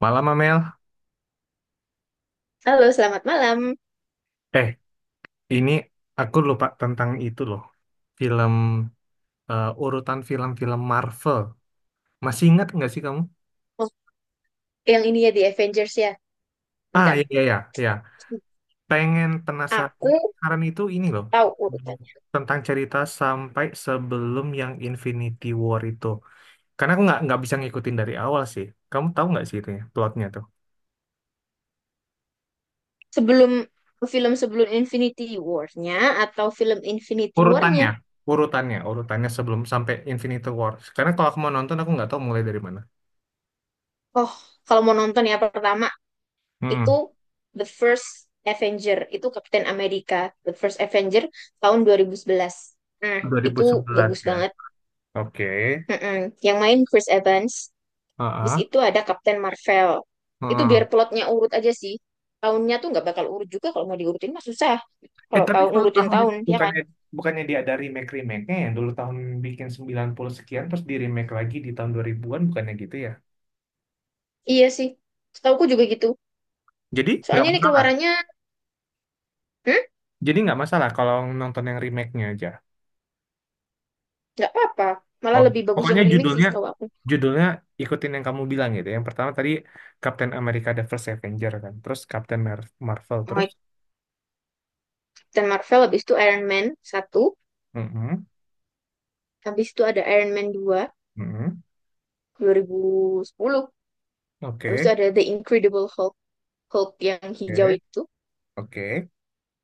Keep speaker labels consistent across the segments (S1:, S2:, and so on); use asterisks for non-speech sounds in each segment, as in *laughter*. S1: Malam, Amel.
S2: Halo, selamat malam.
S1: Eh, ini aku lupa tentang itu loh. Film, urutan film-film Marvel. Masih ingat nggak sih kamu?
S2: Oh, yang ini ya di Avengers ya.
S1: Ah,
S2: Bentar.
S1: iya, iya, iya. Iya. Pengen penasaran.
S2: Aku
S1: Penasaran itu ini loh.
S2: tahu urutannya.
S1: Tentang cerita sampai sebelum yang Infinity War itu. Karena aku nggak bisa ngikutin dari awal sih. Kamu tahu nggak sih itunya, plotnya tuh?
S2: Sebelum film, sebelum Infinity War-nya, atau film Infinity
S1: Urutannya.
S2: War-nya?
S1: Urutannya, urutannya sebelum sampai Infinity War. Karena kalau aku mau nonton, aku nggak tahu mulai dari mana.
S2: Oh, kalau mau nonton ya pertama itu
S1: Hmm,
S2: The First Avenger, itu Kapten Amerika The First Avenger tahun 2011. Nah, itu
S1: 2011
S2: bagus
S1: ya.
S2: banget.
S1: Oke.
S2: Mm-mm. Yang main Chris Evans, bis
S1: Heeh,
S2: itu ada Kapten Marvel. Itu biar
S1: heeh.
S2: plotnya urut aja sih. Tahunnya tuh nggak bakal urut juga, kalau mau diurutin mah susah.
S1: Eh
S2: Kalau
S1: tapi
S2: tahu
S1: kalau
S2: ngurutin
S1: tahun itu
S2: tahun, ya kan?
S1: bukannya bukannya dia ada remake remake-nya ya dulu tahun bikin 90 sekian terus di remake lagi di tahun 2000-an bukannya gitu ya.
S2: Iya sih, setauku juga gitu.
S1: Jadi nggak
S2: Soalnya ini
S1: masalah.
S2: keluarannya, hmm,
S1: Jadi nggak masalah kalau nonton yang remake-nya aja.
S2: nggak apa-apa. Malah
S1: Oh,
S2: lebih bagus yang
S1: pokoknya
S2: remake sih,
S1: judulnya
S2: setahu aku.
S1: judulnya ikutin yang kamu bilang gitu. Yang pertama tadi Captain America The First Avenger kan. Terus Captain Marvel terus.
S2: Mike dan Marvel, habis itu Iron Man satu,
S1: Mm-mm,
S2: habis itu ada Iron Man dua
S1: mm-mm.
S2: 2010. Habis
S1: Oke,
S2: itu ada The Incredible Hulk, Hulk yang hijau
S1: oke,
S2: itu,
S1: oke.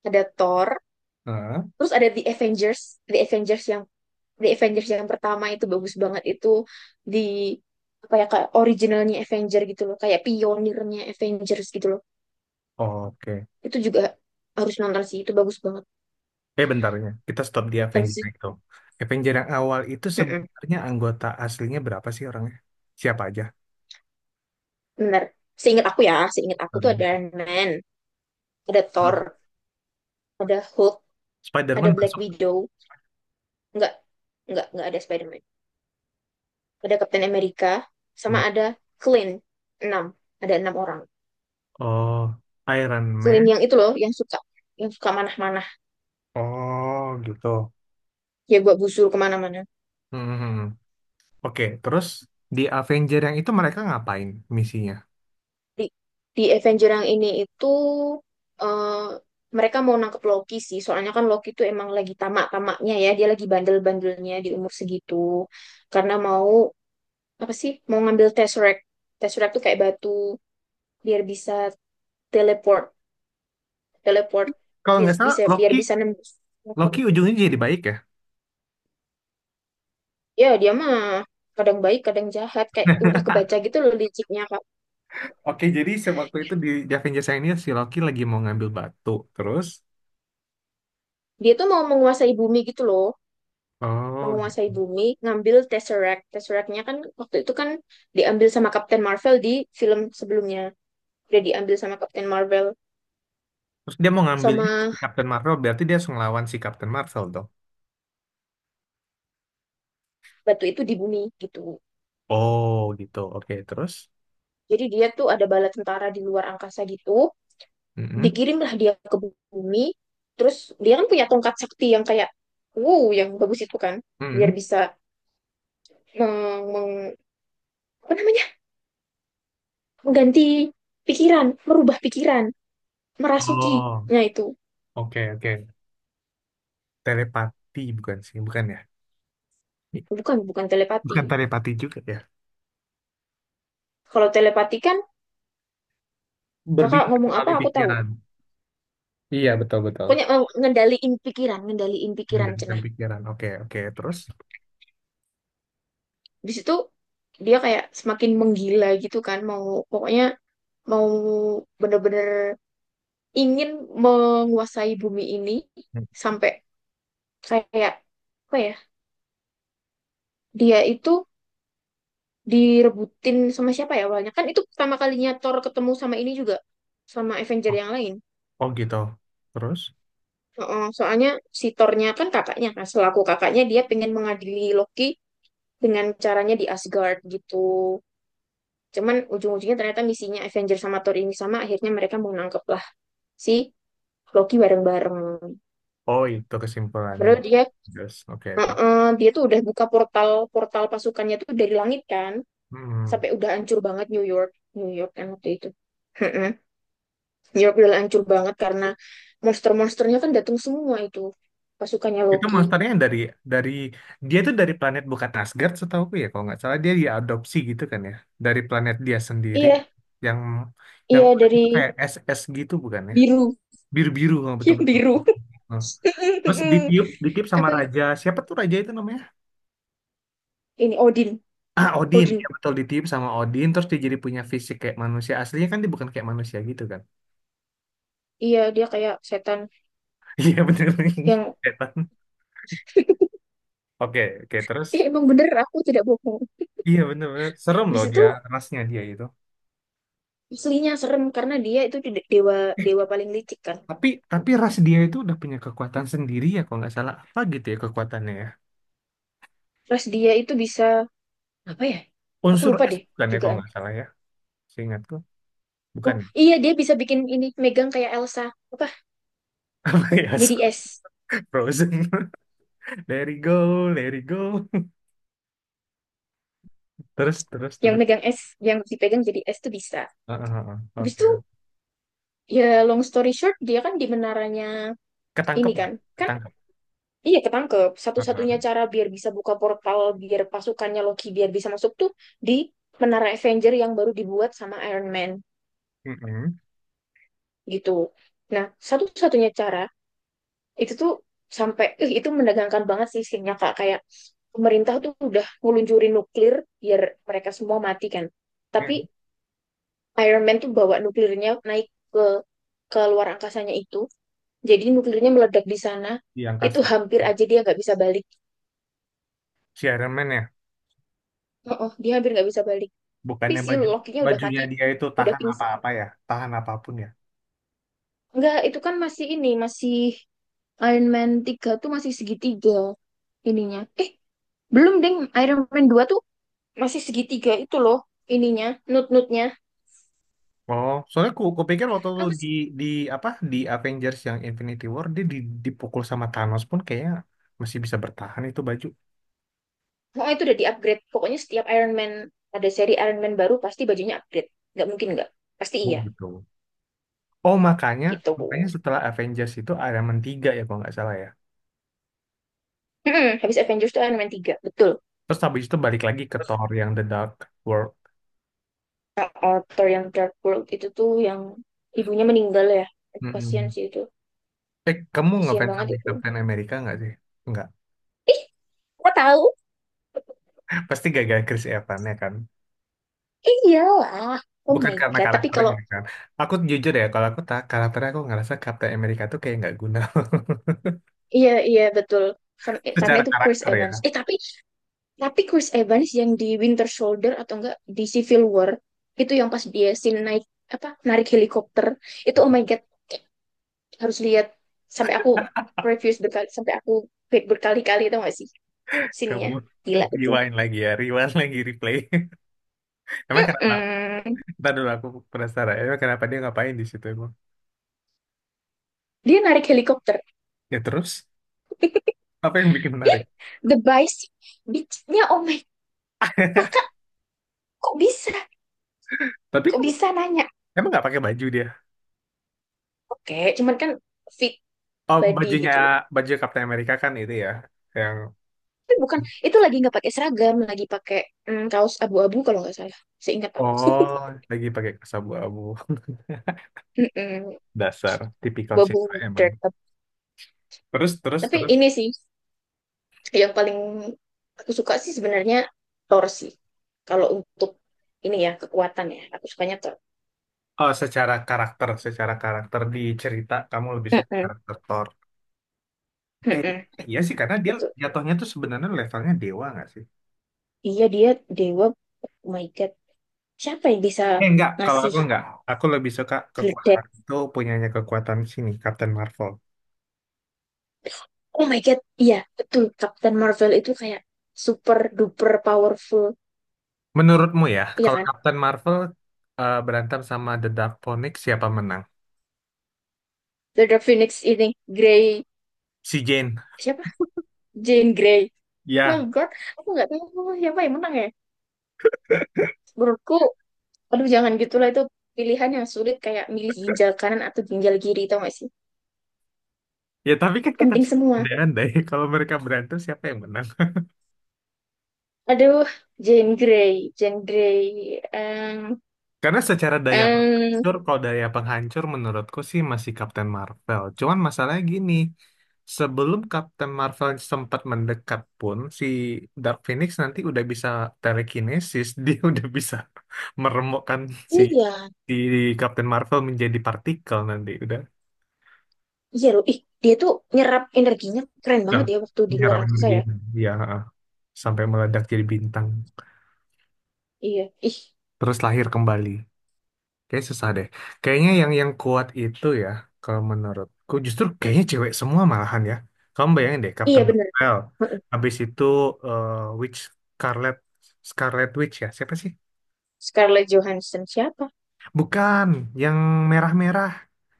S2: ada Thor,
S1: Heeh,
S2: terus ada The Avengers. The Avengers yang The Avengers yang pertama itu bagus banget, itu di apa ya, kayak originalnya Avenger gitu loh, kayak pionirnya Avengers gitu loh.
S1: oke.
S2: Itu juga harus nonton sih, itu bagus banget.
S1: Bentarnya, kita stop di
S2: Habis
S1: Avenger
S2: itu
S1: yang itu. Avenger yang awal itu
S2: mm-mm,
S1: sebenarnya anggota aslinya berapa sih orangnya? Siapa aja?
S2: bener, seingat aku tuh
S1: Hmm.
S2: ada Iron Man, ada Thor,
S1: Terus
S2: ada Hulk, ada
S1: Spider-Man
S2: Black
S1: masuk.
S2: Widow, nggak nggak ada Spider-Man, ada Captain America, sama
S1: Hmm.
S2: ada Clint. enam ada enam orang.
S1: Oh, Iron
S2: Clint
S1: Man.
S2: yang itu loh, yang suka manah-manah,
S1: Oh, gitu.
S2: ya gua busur kemana-mana.
S1: Hmm. Oke, terus di Avenger yang itu mereka ngapain misinya?
S2: Di, di Avenger yang ini itu eh, mereka mau nangkep Loki sih. Soalnya kan Loki itu emang lagi tamak-tamaknya ya. Dia lagi bandel-bandelnya di umur segitu. Karena mau apa sih? Mau ngambil Tesseract. Tesseract tuh kayak batu biar bisa teleport, teleport
S1: Kalau
S2: biar-
S1: nggak salah,
S2: bisa biar
S1: Loki,
S2: bisa nembus.
S1: Loki ujungnya jadi baik ya.
S2: Ya, dia mah kadang baik, kadang jahat, kayak udah kebaca gitu loh liciknya, Kak.
S1: Oke, jadi sewaktu itu di Avengers yang ini si Loki lagi mau ngambil batu, terus,
S2: Dia tuh mau menguasai bumi gitu loh.
S1: oh, gitu.
S2: Menguasai bumi, ngambil Tesseract. Tesseract-nya kan waktu itu kan diambil sama Captain Marvel di film sebelumnya. Udah diambil sama Captain Marvel,
S1: Terus dia mau ngambil ini,
S2: sama
S1: Captain Marvel, berarti dia harus ngelawan si Captain Marvel dong.
S2: batu itu di bumi gitu.
S1: Oh gitu. Oke, terus?
S2: Jadi dia tuh ada bala tentara di luar angkasa gitu.
S1: Mm-mm,
S2: Dikirimlah dia ke bumi. Terus dia kan punya tongkat sakti yang kayak wow, yang bagus itu kan, biar
S1: mm-mm.
S2: bisa meng, meng- apa namanya, mengganti pikiran, merubah pikiran, merasuki.
S1: Oh,
S2: Nah, itu
S1: oke oke. Telepati bukan sih, bukan ya?
S2: bukan bukan telepati.
S1: Bukan telepati juga ya.
S2: Kalau telepati kan kakak
S1: Berbicara
S2: ngomong apa
S1: melalui
S2: aku tahu.
S1: pikiran. Iya betul betul.
S2: Pokoknya ngendaliin pikiran, ngendaliin pikiran,
S1: Menggantikan
S2: cenah.
S1: pikiran. Oke oke. Terus?
S2: Di situ dia kayak semakin menggila gitu kan, mau, pokoknya mau bener-bener ingin menguasai bumi ini,
S1: Mm.
S2: sampai kayak apa ya, dia itu direbutin sama siapa ya, awalnya kan itu pertama kalinya Thor ketemu sama ini juga, sama Avenger
S1: Oh,
S2: yang lain.
S1: oh gitu. Terus?
S2: Heeh, soalnya si Thor-nya kan kakaknya, kan selaku kakaknya dia pengen mengadili Loki dengan caranya di Asgard gitu. Cuman ujung-ujungnya ternyata misinya Avengers sama Thor ini sama, akhirnya mereka mau nangkep lah si Loki bareng-bareng.
S1: Oh itu kesimpulannya.
S2: Padahal dia,
S1: Terus. Oke terus.
S2: heeh, dia tuh udah buka portal, portal pasukannya tuh dari langit kan,
S1: Hmm.
S2: sampai udah hancur banget New York, New York kan waktu itu. Heeh. New York udah hancur banget karena monster-monsternya kan datang semua itu, pasukannya
S1: Itu
S2: Loki.
S1: monsternya yang dari dia tuh dari planet bukan Asgard setahuku ya kalau nggak salah dia diadopsi gitu kan ya dari planet dia sendiri
S2: Iya,
S1: yang
S2: iya
S1: orang
S2: dari
S1: itu kayak SS gitu bukan ya
S2: biru,
S1: biru-biru nggak
S2: *laughs* yang
S1: betul-betul.
S2: biru.
S1: Nah, terus
S2: *laughs*
S1: ditiup ditiup sama
S2: Apa
S1: raja siapa tuh raja itu namanya? *clears throat*
S2: ini, Odin,
S1: Ah Odin ya
S2: Odin.
S1: betul ditiup sama Odin terus dia jadi punya fisik kayak manusia aslinya kan dia bukan kayak manusia gitu kan?
S2: Iya, dia kayak setan
S1: *laughs* Iya bener *laughs*
S2: yang,
S1: Setan. Oke oke terus
S2: ih, emang bener, aku tidak bohong.
S1: iya bener-bener serem
S2: Di
S1: loh
S2: situ
S1: dia rasnya dia itu.
S2: aslinya serem karena dia itu dewa,
S1: *laughs*
S2: dewa paling licik kan.
S1: Tapi ras dia itu udah punya kekuatan sendiri ya kalau nggak salah apa gitu ya kekuatannya ya.
S2: Terus dia itu bisa apa ya? Aku
S1: Unsur
S2: lupa
S1: es
S2: deh
S1: bukan ya kalau
S2: jugaan.
S1: nggak salah ya. Seingatku bukan
S2: Oh
S1: ya.
S2: iya, dia bisa bikin ini megang kayak Elsa apa?
S1: *laughs* Ya
S2: Jadi
S1: sorry,
S2: es.
S1: Frozen. *laughs* Let it go, let it go. *laughs* Terus terus
S2: Yang
S1: terus.
S2: megang es, yang dipegang jadi es tuh bisa.
S1: Ah, ah, ah.
S2: Habis
S1: Oke.
S2: itu ya, long story short, dia kan di menaranya
S1: Ketangkep
S2: ini kan.
S1: nggak?
S2: Kan
S1: Ketangkep.
S2: iya, ketangkep.
S1: Ah, ah.
S2: Satu-satunya cara biar bisa buka portal biar pasukannya Loki biar bisa masuk tuh di Menara Avenger yang baru dibuat sama Iron Man
S1: Mm-mm.
S2: gitu. Nah, satu-satunya cara itu tuh sampai, ih, itu menegangkan banget sih isinya, Kak. Kayak pemerintah tuh udah ngeluncurin nuklir biar mereka semua mati kan.
S1: Mm.
S2: Tapi Iron Man tuh bawa nuklirnya naik ke ke luar angkasanya itu. Jadi nuklirnya meledak di sana.
S1: Di
S2: Itu
S1: angkasa.
S2: hampir aja dia nggak bisa balik.
S1: Si Iron Man ya.
S2: Oh, oh, dia hampir nggak bisa balik. Tapi
S1: Bukannya
S2: si Loki-nya udah
S1: bajunya
S2: mati,
S1: dia itu
S2: udah
S1: tahan
S2: pingsan.
S1: apa-apa ya. Tahan apapun ya.
S2: Enggak, itu kan masih ini, masih Iron Man 3 tuh masih segitiga ininya. Eh, belum, Ding. Iron Man 2 tuh masih segitiga itu loh ininya, nut-nutnya.
S1: Oh, soalnya ku pikir waktu lu
S2: Apa sih?
S1: di apa di Avengers yang Infinity War dia dipukul sama Thanos pun kayaknya masih bisa bertahan itu baju.
S2: Oh, itu udah di-upgrade. Pokoknya setiap Iron Man, ada seri Iron Man baru, pasti bajunya upgrade. Nggak mungkin nggak. Pasti
S1: Oh
S2: iya.
S1: gitu. Oh makanya
S2: Gitu.
S1: makanya setelah Avengers itu Iron Man 3 ya kalau nggak salah ya.
S2: Habis Avengers tuh Iron Man tiga, betul.
S1: Terus habis itu balik lagi ke Thor yang The Dark World.
S2: Author yang Dark World itu tuh yang ibunya meninggal ya. Kasian
S1: Mm-mm.
S2: sih itu.
S1: Eh, kamu
S2: Kasian
S1: ngefans
S2: banget
S1: sama
S2: itu.
S1: Captain America nggak sih? Nggak.
S2: Kok tahu?
S1: Pasti gara-gara Chris Evans ya kan.
S2: Iyalah. Oh
S1: Bukan
S2: my
S1: karena
S2: God. Tapi kalau,
S1: karakternya kan. Aku jujur ya kalau aku tak karakternya aku ngerasa Captain America tuh kayak nggak guna
S2: iya, iya, betul. Karena,
S1: *laughs*
S2: karena
S1: secara
S2: itu Chris
S1: karakter
S2: Evans.
S1: ya.
S2: Tapi Chris Evans yang di Winter Soldier atau enggak di Civil War, itu yang pas dia scene naik apa, narik helikopter, itu oh my God, harus lihat. Sampai aku reviews berkali, sampai aku back berkali-kali, tau gak sih scene-nya
S1: Kamu
S2: gila itu.
S1: rewind lagi ya, rewind lagi, replay. *laughs* Emang kenapa?
S2: Mm-mm.
S1: Ntar dulu aku penasaran. Emang kenapa dia ngapain di situ emang?
S2: Dia narik helikopter.
S1: Ya terus, apa yang bikin menarik?
S2: Ih, the Vice beach-nya, oh my. Kakak
S1: *laughs*
S2: kok bisa
S1: Tapi
S2: kok
S1: kamu
S2: bisa nanya.
S1: emang nggak pakai baju dia?
S2: Oke, cuman kan fit
S1: Oh,
S2: body gitu loh.
S1: baju Captain America kan itu ya, yang
S2: Tapi bukan, itu lagi nggak pakai seragam, lagi pakai kaos abu-abu kalau nggak salah. Seingat aku.
S1: oh lagi pakai kaos abu-abu. *laughs*
S2: Mm-mm.
S1: Dasar, tipikal cewek
S2: Bubble
S1: emang.
S2: Dirt.
S1: Terus, terus,
S2: Tapi
S1: terus.
S2: ini sih yang paling aku suka sih sebenarnya, Thor sih. Kalau untuk ini ya, kekuatan ya, aku sukanya Thor.
S1: Oh, secara karakter di cerita kamu lebih suka
S2: Mm-mm,
S1: karakter Thor. Kayak,
S2: mm-mm,
S1: iya sih, karena dia
S2: betul.
S1: jatuhnya tuh sebenarnya levelnya dewa nggak sih?
S2: Iya, dia dewa. Oh my God. Siapa yang bisa
S1: Eh, enggak, kalau
S2: ngasih
S1: aku enggak. Aku lebih suka kekuatan
S2: gledek?
S1: itu punyanya kekuatan sini, Captain Marvel.
S2: Oh my God. Iya betul, Captain Marvel itu kayak super duper powerful.
S1: Menurutmu ya,
S2: Iya
S1: kalau
S2: kan?
S1: Captain Marvel berantem sama The Dark Phoenix, siapa menang?
S2: The Phoenix ini, Grey.
S1: Si Jane.
S2: Siapa? Jane Grey. Oh my
S1: Ya,
S2: God. Aku nggak tahu siapa yang menang ya. Menurutku, aduh, jangan gitulah, itu pilihan yang sulit, kayak milih ginjal kanan atau ginjal kiri, tau gak sih?
S1: ya tapi kan kita
S2: Penting
S1: suka
S2: semua.
S1: andai-andai *laughs* kalau mereka berantem siapa yang menang?
S2: Aduh, Jane Grey, Jane Grey. Em,
S1: Karena secara daya
S2: em,
S1: penghancur, kalau daya penghancur menurutku sih masih Captain Marvel. Cuman masalahnya gini, sebelum Captain Marvel sempat mendekat pun, si Dark Phoenix nanti udah bisa telekinesis, *laughs* dia udah bisa meremukkan si,
S2: iya,
S1: si Captain Marvel menjadi partikel nanti.
S2: iya loh. Ih, dia tuh nyerap energinya keren
S1: Udah
S2: banget ya, waktu di luar
S1: menyerap
S2: angkasa
S1: energi.
S2: ya.
S1: Ya, sampai meledak jadi bintang.
S2: Iya, ih,
S1: Terus lahir kembali. Kayak susah deh. Kayaknya yang kuat itu ya, kalau menurutku justru kayaknya cewek semua malahan ya. Kamu bayangin deh,
S2: iya
S1: Captain
S2: bener.
S1: Marvel.
S2: Heeh.
S1: Habis itu eh, Witch Scarlet Scarlet Witch ya. Siapa sih?
S2: Scarlett Johansson siapa?
S1: Bukan, yang merah-merah.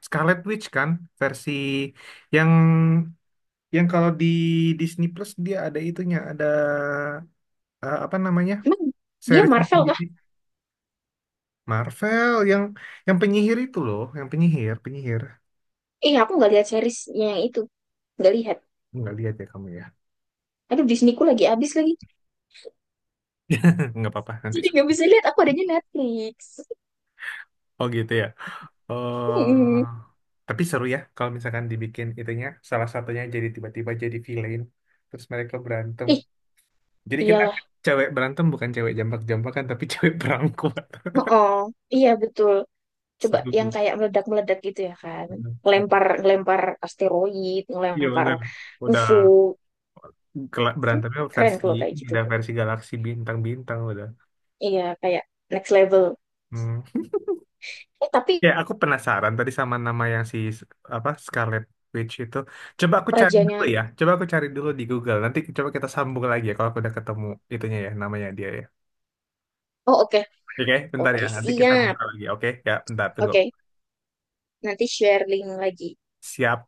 S1: Scarlet Witch kan versi yang yang kalau di Disney Plus dia ada itunya, ada apa namanya?
S2: Emang dia
S1: Seriesnya
S2: Marvel kah?
S1: sendiri. Marvel yang penyihir itu loh, yang penyihir, penyihir.
S2: Eh, aku nggak lihat series yang itu, nggak lihat.
S1: Nggak lihat ya kamu ya.
S2: Aduh, Disneyku lagi habis lagi.
S1: *laughs* Nggak apa-apa nanti.
S2: Jadi nggak bisa lihat. Aku adanya Netflix. *laughs*
S1: Oh gitu ya.
S2: Hmm.
S1: Oh, tapi seru ya kalau misalkan dibikin itunya salah satunya jadi tiba-tiba jadi villain terus mereka berantem.
S2: Ih,
S1: Jadi kita
S2: iya.
S1: cewek berantem bukan cewek jambak-jambakan tapi *laughs* cewek perangkuat.
S2: Oh, iya betul. Coba
S1: Seru
S2: yang
S1: tuh.
S2: kayak meledak-meledak gitu ya kan.
S1: *laughs*
S2: Lempar lempar asteroid,
S1: Iya
S2: ngelempar
S1: benar. Udah
S2: UFO. Kan
S1: berantemnya
S2: keren
S1: versi
S2: kalau kayak gitu.
S1: udah versi galaksi bintang-bintang udah.
S2: Iya, kayak next level.
S1: Hmm.
S2: Eh, tapi
S1: Ya, aku penasaran tadi sama nama yang si apa Scarlet Witch itu. Coba aku cari dulu
S2: rajanya.
S1: ya. Coba aku cari dulu di Google. Nanti coba kita sambung lagi ya kalau aku udah ketemu itunya ya namanya dia ya.
S2: Oh, oke.
S1: Oke, bentar ya.
S2: Oke,
S1: Nanti kita
S2: siap.
S1: ngobrol lagi. Oke, ya bentar tunggu.
S2: Oke, nanti share link lagi.
S1: Siap.